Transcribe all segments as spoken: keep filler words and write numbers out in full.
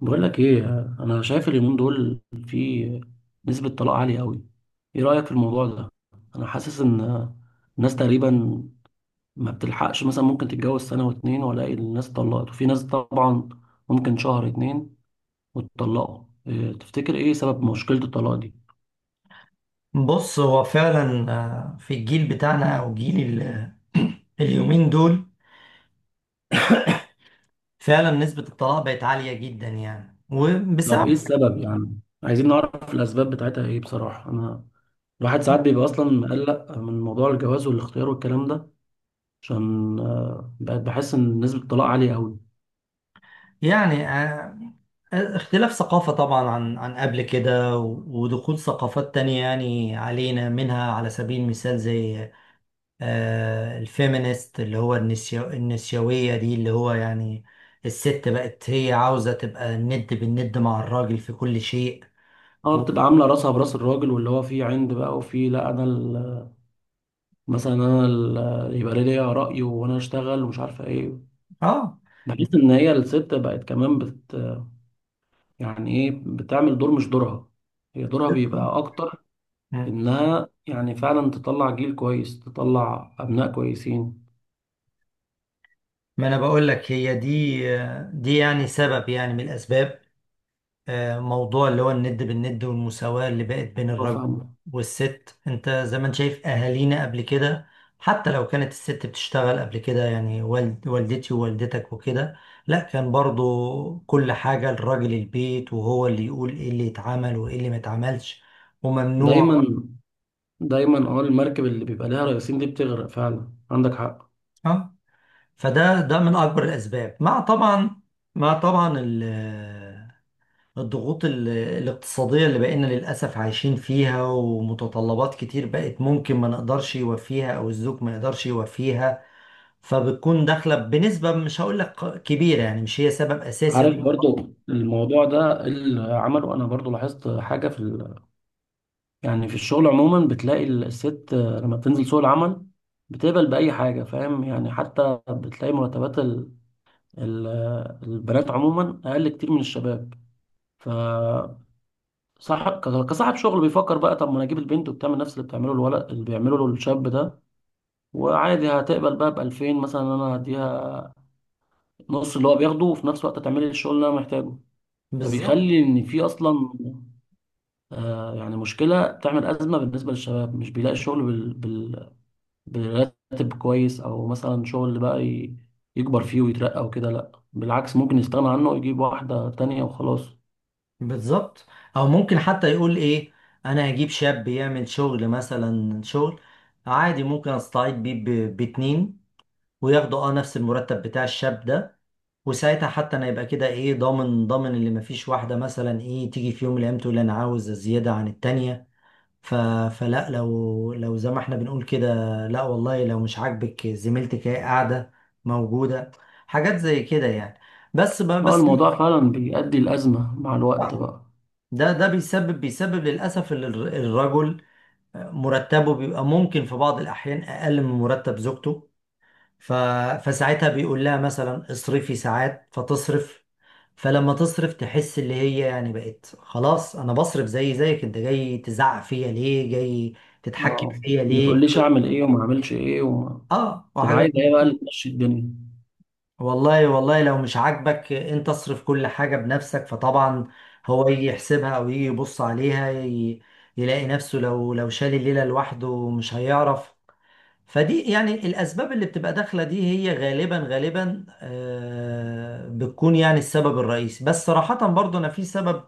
بقول لك ايه. انا شايف اليومين دول في نسبة طلاق عالية قوي. ايه رأيك في الموضوع ده؟ انا حاسس ان الناس تقريبا ما بتلحقش، مثلا ممكن تتجوز سنة واتنين والاقي الناس اتطلقت، وفي ناس طبعا ممكن شهر اتنين واتطلقوا. إيه تفتكر ايه سبب مشكلة الطلاق دي؟ بص، هو فعلا آه، في الجيل بتاعنا او جيل ال- اليومين دول، فعلا نسبة الطلاق بقت عالية جدا، يعني، طب وبسبب، ايه السبب؟ يعني عايزين نعرف الاسباب بتاعتها ايه. بصراحة انا الواحد ساعات بيبقى اصلا مقلق من موضوع الجواز والاختيار والكلام ده، عشان آه، بقت بحس ان نسبة الطلاق عالية قوي. يعني، آه، اختلاف ثقافة، طبعا عن عن قبل كده و- ودخول ثقافات تانية يعني علينا، منها على سبيل المثال زي آه، الفيمينيست، اللي هو النسيو النسيوية دي، اللي هو يعني الست بقت هي عاوزة تبقى الند بالند مع الراجل في كل شيء. اه، و... بتبقى عامله راسها براس الراجل، واللي هو فيه عند بقى، وفيه لا انا ال- مثلا انا ال- يبقى ليا راي وانا اشتغل ومش عارفه ايه. بحس ان هي الست بقت كمان بت، يعني ايه، بتعمل دور مش دورها. هي دورها بيبقى اكتر اه، انها يعني فعلا تطلع جيل كويس، تطلع ابناء كويسين. ما انا بقول لك هي دي دي يعني سبب، يعني من الاسباب. آه، موضوع اللي هو الند بالند والمساواة اللي بقت بين الله، الرجل فاهمة. والست. انت زي ما انت شايف اهالينا قبل كده، حتى لو كانت الست بتشتغل قبل كده، يعني والد والدتي ووالدتك وكده، لا، كان برضو كل حاجة الراجل، البيت وهو اللي يقول ايه اللي يتعمل وايه اللي ما يتعملش، وممنوع. دايما دايما اه، المركب اللي بيبقى لها رئيسين دي بتغرق فعلا، عندك حق. اه، فده ده من اكبر الاسباب، مع طبعا مع طبعا الضغوط ال- الاقتصادية اللي بقينا للأسف عايشين فيها، ومتطلبات كتير بقت ممكن ما نقدرش يوفيها أو الزوج ما يقدرش يوفيها. فبتكون داخلة بنسبة مش هقول لك كبيرة، يعني مش هي سبب أساسي. عارف، برضو الموضوع ده اللي عمله، انا برضو لاحظت حاجه في يعني في الشغل عموما بتلاقي الست آه، لما بتنزل سوق العمل بتقبل بأي حاجة، فاهم يعني؟ حتى بتلاقي مرتبات ال- ال- آه، البنات عموما أقل كتير من الشباب، فصح. ك- كصاحب شغل بيفكر بقى طب ما أنا أجيب البنت وبتعمل نفس اللي بتعمله الولد، اللي بيعمله له الشاب ده، وعادي هتقبل بقى ب ألفين مثلا. أنا هديها نص اللي هو بياخده، وفي نفس الوقت هتعمل لي الشغل اللي أنا محتاجه. بالظبط. فبيخلي إن في أصلا آه، يعني مشكلة، بتعمل أزمة بالنسبة للشباب، مش بيلاقي الشغل براتب كويس، او مثلا شغل بقى ي- يكبر فيه ويترقى وكده. لا، بالعكس ممكن يستغنى عنه ويجيب واحدة تانية وخلاص. بالظبط. أو ممكن حتى يقول إيه، أنا هجيب شاب يعمل شغل، مثلا شغل عادي، ممكن أستعيد بيه ب- باتنين، وياخدوا أه نفس المرتب بتاع الشاب ده. وساعتها حتى انا يبقى كده ايه، ضامن ضامن اللي مفيش واحده مثلا ايه تيجي في يوم من الايام تقول انا عاوز زياده عن التانيه. ف... فلا، لو لو زي ما احنا بنقول كده، لا والله لو مش عاجبك زميلتك هي قاعده، موجوده، حاجات زي كده يعني. بس ب... اه، بس الموضوع فعلا بيؤدي الأزمة مع الوقت بقى. ده ده بيسبب بيسبب للاسف ال- الرجل، مرتبه بيبقى ممكن في بعض الاحيان اقل من مرتب زوجته. ف... فساعتها بيقول لها مثلا اصرفي، ساعات فتصرف، فلما تصرف تحس اللي هي يعني بقت خلاص، انا بصرف زي زيك، انت جاي تزعق فيا ليه، جاي تتحكم اه، فيا ما ليه؟ تقوليش اعمل ايه وما اعملش ايه، وما اه، تبقى وحاجات عايز زي ايه بقى اللي كده. تمشي الدنيا. والله والله لو مش عاجبك انت اصرف كل حاجة بنفسك، فطبعا هو يجي يحسبها او يجي يبص عليها، ي... يلاقي نفسه لو لو شال الليلة لوحده مش هيعرف. فدي يعني الأسباب اللي بتبقى داخلة، دي هي غالبا غالبا آه، بتكون يعني السبب الرئيسي. بس صراحة، برضو أنا في سبب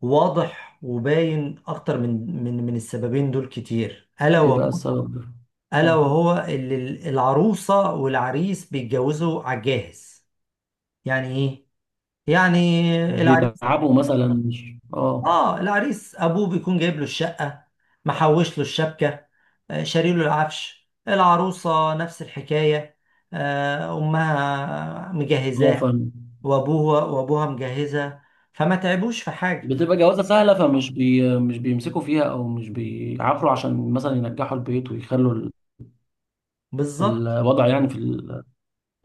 واضح وباين أكتر من من من السببين دول كتير، ألا ايه بقى وهو. السبب ده؟ ألا مم. وهو اللي ال- العروسة والعريس بيتجوزوا على الجاهز. يعني إيه؟ يعني مش العريس، بيتعبوا مثلا، مش اه، اه العريس ابوه بيكون جايب له الشقه، محوش له الشبكه، آه، شاري له العفش. العروسه نفس الحكايه، آه، امها اه مجهزاه، فاهم. وابوها وابوها مجهزه، فما تعبوش في حاجه. بتبقى جوازة سهلة، فمش بي... مش بيمسكوا فيها، او مش بيعافروا عشان مثلا ينجحوا البيت، ويخلوا ال- بالظبط. الوضع يعني في ال...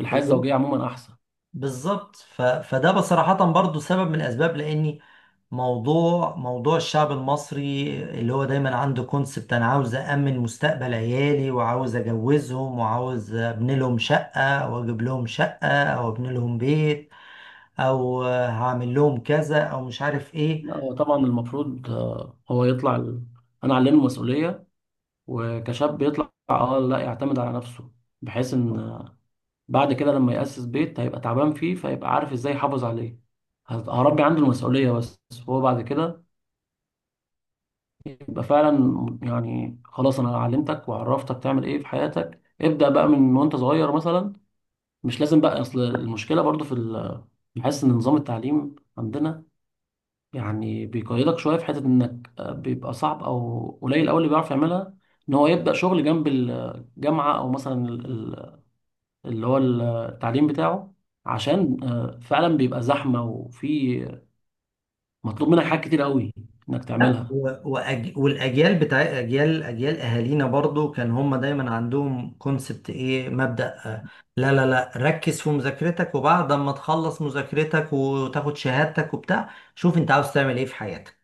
الحياة الزوجية عموما أحسن. بالظبط. ف... فده بصراحة برضو سبب من الأسباب. لأني موضوع موضوع الشعب المصري اللي هو دايما عنده كونسبت، أنا عاوز أأمن مستقبل عيالي وعاوز أجوزهم وعاوز أبني لهم شقة أو أجيب لهم شقة أو أبني لهم بيت أو هعمل لهم كذا أو مش عارف إيه. لا هو طبعا المفروض آه، هو يطلع ال... أنا علمه المسؤولية، وكشاب يطلع أه لا، يعتمد على نفسه، بحيث إن آه، بعد كده لما يأسس بيت هيبقى تعبان فيه، فيبقى عارف إزاي يحافظ عليه. هت- هربي عنده المسؤولية بس، هو بعد كده يبقى فعلا، يعني خلاص أنا علمتك وعرفتك تعمل إيه في حياتك، ابدأ بقى من وأنت صغير مثلا. مش لازم بقى. أصل المشكلة برضو في ال... بحس إن نظام التعليم عندنا يعني بيقيدك شويه في حته انك آه، بيبقى صعب او قليل قوي اللي بيعرف يعملها، ان هو يبدا شغل جنب الجامعه، او مثلا ال- ال- اللي هو التعليم بتاعه، عشان آه، فعلا بيبقى زحمه، وفي مطلوب منك حاجات كتير قوي انك لا، تعملها. و- وأج... والاجيال، بتاع اجيال اجيال اهالينا برضو كان هم دايما عندهم كونسبت ايه، مبدأ، آه، لا لا لا، ركز في مذاكرتك وبعد ما تخلص مذاكرتك وتاخد شهادتك وبتاع، شوف انت عاوز تعمل ايه في حياتك.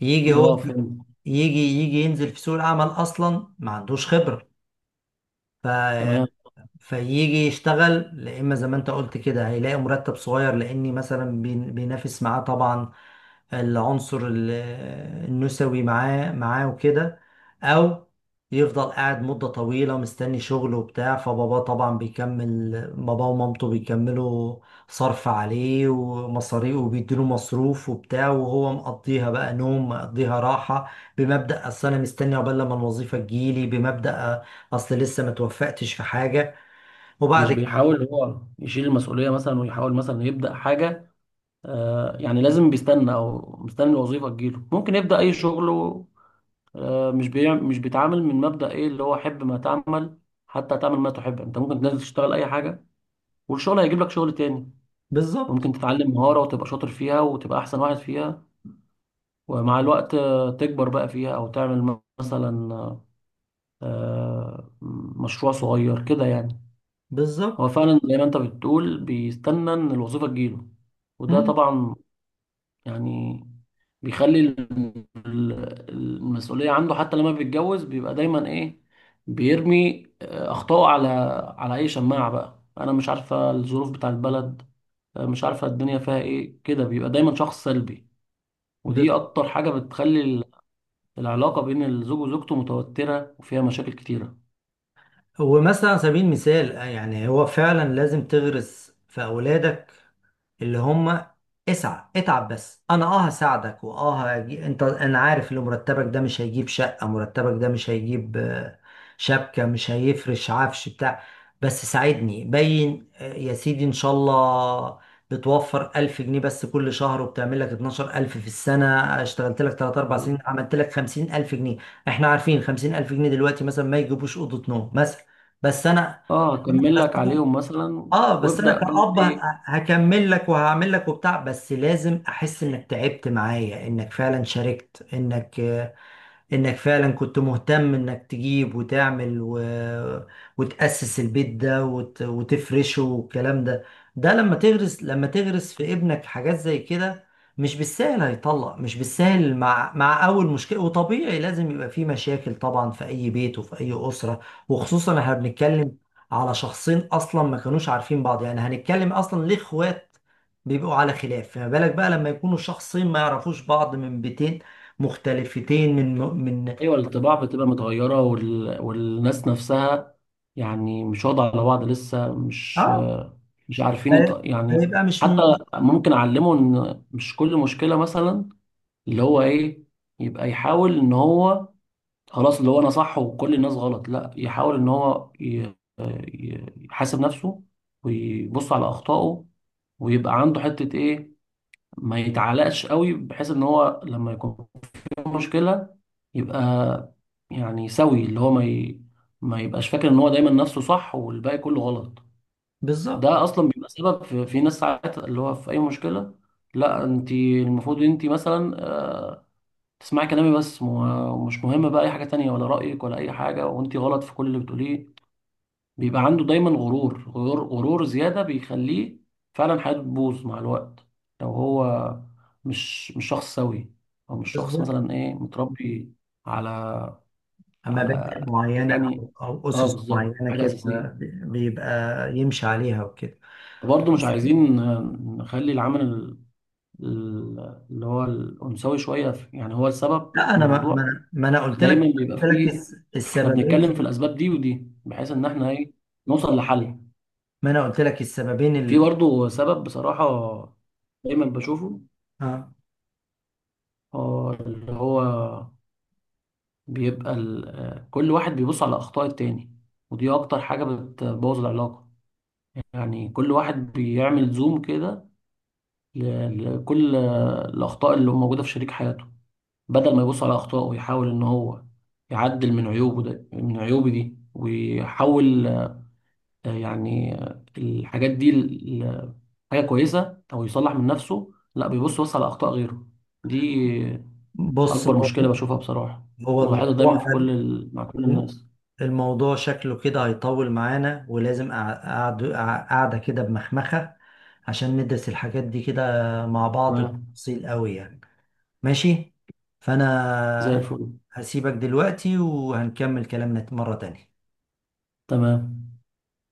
يجي اه هو، فهمت. يجي يجي ينزل في سوق العمل اصلا ما عندوش خبرة. ف تمام. فيجي يشتغل، لا، اما زي ما انت قلت كده هيلاقي مرتب صغير، لاني مثلا بين- بينافس معاه طبعا العنصر ال- النسوي معاه معاه وكده، او يفضل قاعد مدة طويلة مستني شغله وبتاع. فباباه طبعا بيكمل، باباه ومامته بيكملوا، صرف عليه ومصاريف وبيديله مصروف وبتاع، وهو مقضيها بقى نوم مقضيها راحة، بمبدأ أصل أنا مستني عقبال لما الوظيفة تجيلي، بمبدأ أصل لسه ما توفقتش في حاجة، مش وبعد كده. بيحاول هو يشيل المسؤوليه مثلا، ويحاول مثلا يبدا حاجه. آه، يعني لازم بيستنى، او مستني الوظيفه تجيله، ممكن يبدا اي شغل. آه، مش بيعمل، مش بيتعامل من مبدأ ايه اللي هو حب ما تعمل، حتى تعمل ما تحب. انت ممكن تنزل تشتغل اي حاجة، والشغل هيجيب لك شغل تاني. بالظبط. ممكن تتعلم مهارة وتبقى شاطر فيها، وتبقى احسن واحد فيها، ومع الوقت آه، تكبر بقى فيها، او تعمل م- مثلا آه، آه، مشروع صغير كده يعني. بالظبط. هو فعلا زي ما انت بتقول بيستنى ان الوظيفة تجيله، وده مم. طبعا يعني بيخلي ال- ال- المسؤولية عنده، حتى لما بيتجوز بيبقى دايما ايه بيرمي آه، أخطائه على على أي شماعة بقى. أنا مش عارفة الظروف بتاع البلد، آه، مش عارفة الدنيا فيها ايه كده، بيبقى دايما شخص سلبي. ودي بالظبط. أكتر حاجة بتخلي ال- العلاقة بين الزوج وزوجته متوترة وفيها مشاكل كتيرة. هو مثلا على سبيل المثال، آه، يعني هو فعلا لازم تغرس في أولادك اللي هم، اسعى، اتعب، بس انا اه هساعدك، واه هجي... انت، انا عارف ان مرتبك ده مش هيجيب شقة، مرتبك ده مش هيجيب آه، شبكة، مش هيفرش عفش بتاع، بس ساعدني، باين آه، يا سيدي ان شاء الله. بتوفر ألف جنيه بس كل شهر، وبتعمل لك اتناشر ألف في السنة. اشتغلت لك تلاتة اربعة سنين، عملت لك خمسين ألف جنيه. احنا عارفين خمسين ألف جنيه دلوقتي مثلا ما يجيبوش أوضة نوم مثلا، بس انا اه، أكمل لك عليهم مثلا، اه بس انا وابدأ بقى كأب ه- ايه. هكمل لك وهعمل لك وبتاع، بس لازم احس انك تعبت معايا، انك فعلا شاركت، انك انك فعلا كنت مهتم انك تجيب وتعمل و... وتأسس البيت ده وت... وتفرشه والكلام ده. ده، لما تغرس لما تغرس في ابنك حاجات زي كده، مش بالسهل هيطلق، مش بالسهل مع مع اول مشكلة. وطبيعي لازم يبقى في مشاكل طبعا في اي بيت وفي اي أسرة، وخصوصا احنا بنتكلم على شخصين اصلا ما كانوش عارفين بعض، يعني هنتكلم اصلا ليه اخوات بيبقوا على خلاف، فما بالك بقى لما يكونوا شخصين ما يعرفوش بعض من بيتين مختلفتين من من ايوه، الطباع بتبقى متغيره، وال... والناس نفسها يعني مش واضحه على بعض لسه، مش اه. مش ف- عارفين يط- يعني فيبقى مش م- حتى ممكن اعلمه ان مش كل مشكله مثلا اللي هو ايه، يبقى يحاول ان هو خلاص، اللي هو انا صح وكل الناس غلط، لا يحاول ان هو ي... ي- يحاسب نفسه، ويبص على اخطائه، ويبقى عنده حته ايه، ما يتعلقش قوي، بحيث ان هو لما يكون مشكلة يبقى يعني سوي، اللي هو ما ي... ما يبقاش فاكر ان هو دايما نفسه صح والباقي كله غلط. بالظبط. ده اصلا بيبقى سبب في, في ناس ساعات اللي هو في اي مشكلة، لا انت المفروض، انت مثلا آه، تسمعي كلامي بس، مو- مش مهم بقى اي حاجة تانية، ولا رأيك، ولا اي حاجة، وانت غلط في كل اللي بتقوليه. بيبقى عنده دايما غرور، غرور غرور زيادة، بيخليه فعلا حياته تبوظ مع الوقت، لو هو مش مش شخص سوي، او مش شخص بالظبط. مثلا ايه متربي على مبادئ على، معينة يعني أو أو اه أسس بالظبط، معينة حاجة أساسية. كده بيبقى يمشي عليها وكده. برضه مش عايزين نخلي العمل ال- ال- اللي هو الأنثوي شوية في- يعني هو السبب لا، في أنا ما ما الموضوع أنا ما أنا قلت دايما لك بيبقى قلت لك فيه. الس- احنا السببين بنتكلم في في- الأسباب دي ودي بحيث إن احنا ايه، نوصل لحل. ما أنا قلت لك السببين في ال... برضه سبب بصراحة دايما بشوفه، آه. هو اللي هو بيبقى ال- آه، كل واحد بيبص على أخطاء التاني، ودي أكتر حاجة بتبوظ العلاقة. يعني كل واحد بيعمل زوم كده ل- لكل آه، الأخطاء اللي موجودة في شريك حياته، بدل ما يبص على أخطائه ويحاول إن هو يعدل من عيوبه، ده من عيوبه دي ويحاول آه، يعني آه، الحاجات دي ال- ال- حاجة كويسة، أو يصلح من نفسه، لا بيبص بس على أخطاء غيره دي. بص، أكبر هو مشكلة بشوفها بصراحة، هو ولاحظها الموضوع دايما في كل ال... مع كل الناس. الموضوع شكله كده هيطول معانا، ولازم قعدة، قعدة كده بمخمخة، عشان ندرس الحاجات دي كده مع بعض تمام. بتفصيل قوي، يعني. ماشي. زي فانا الفل. هسيبك دلوقتي وهنكمل كلامنا مرة تانية. تمام.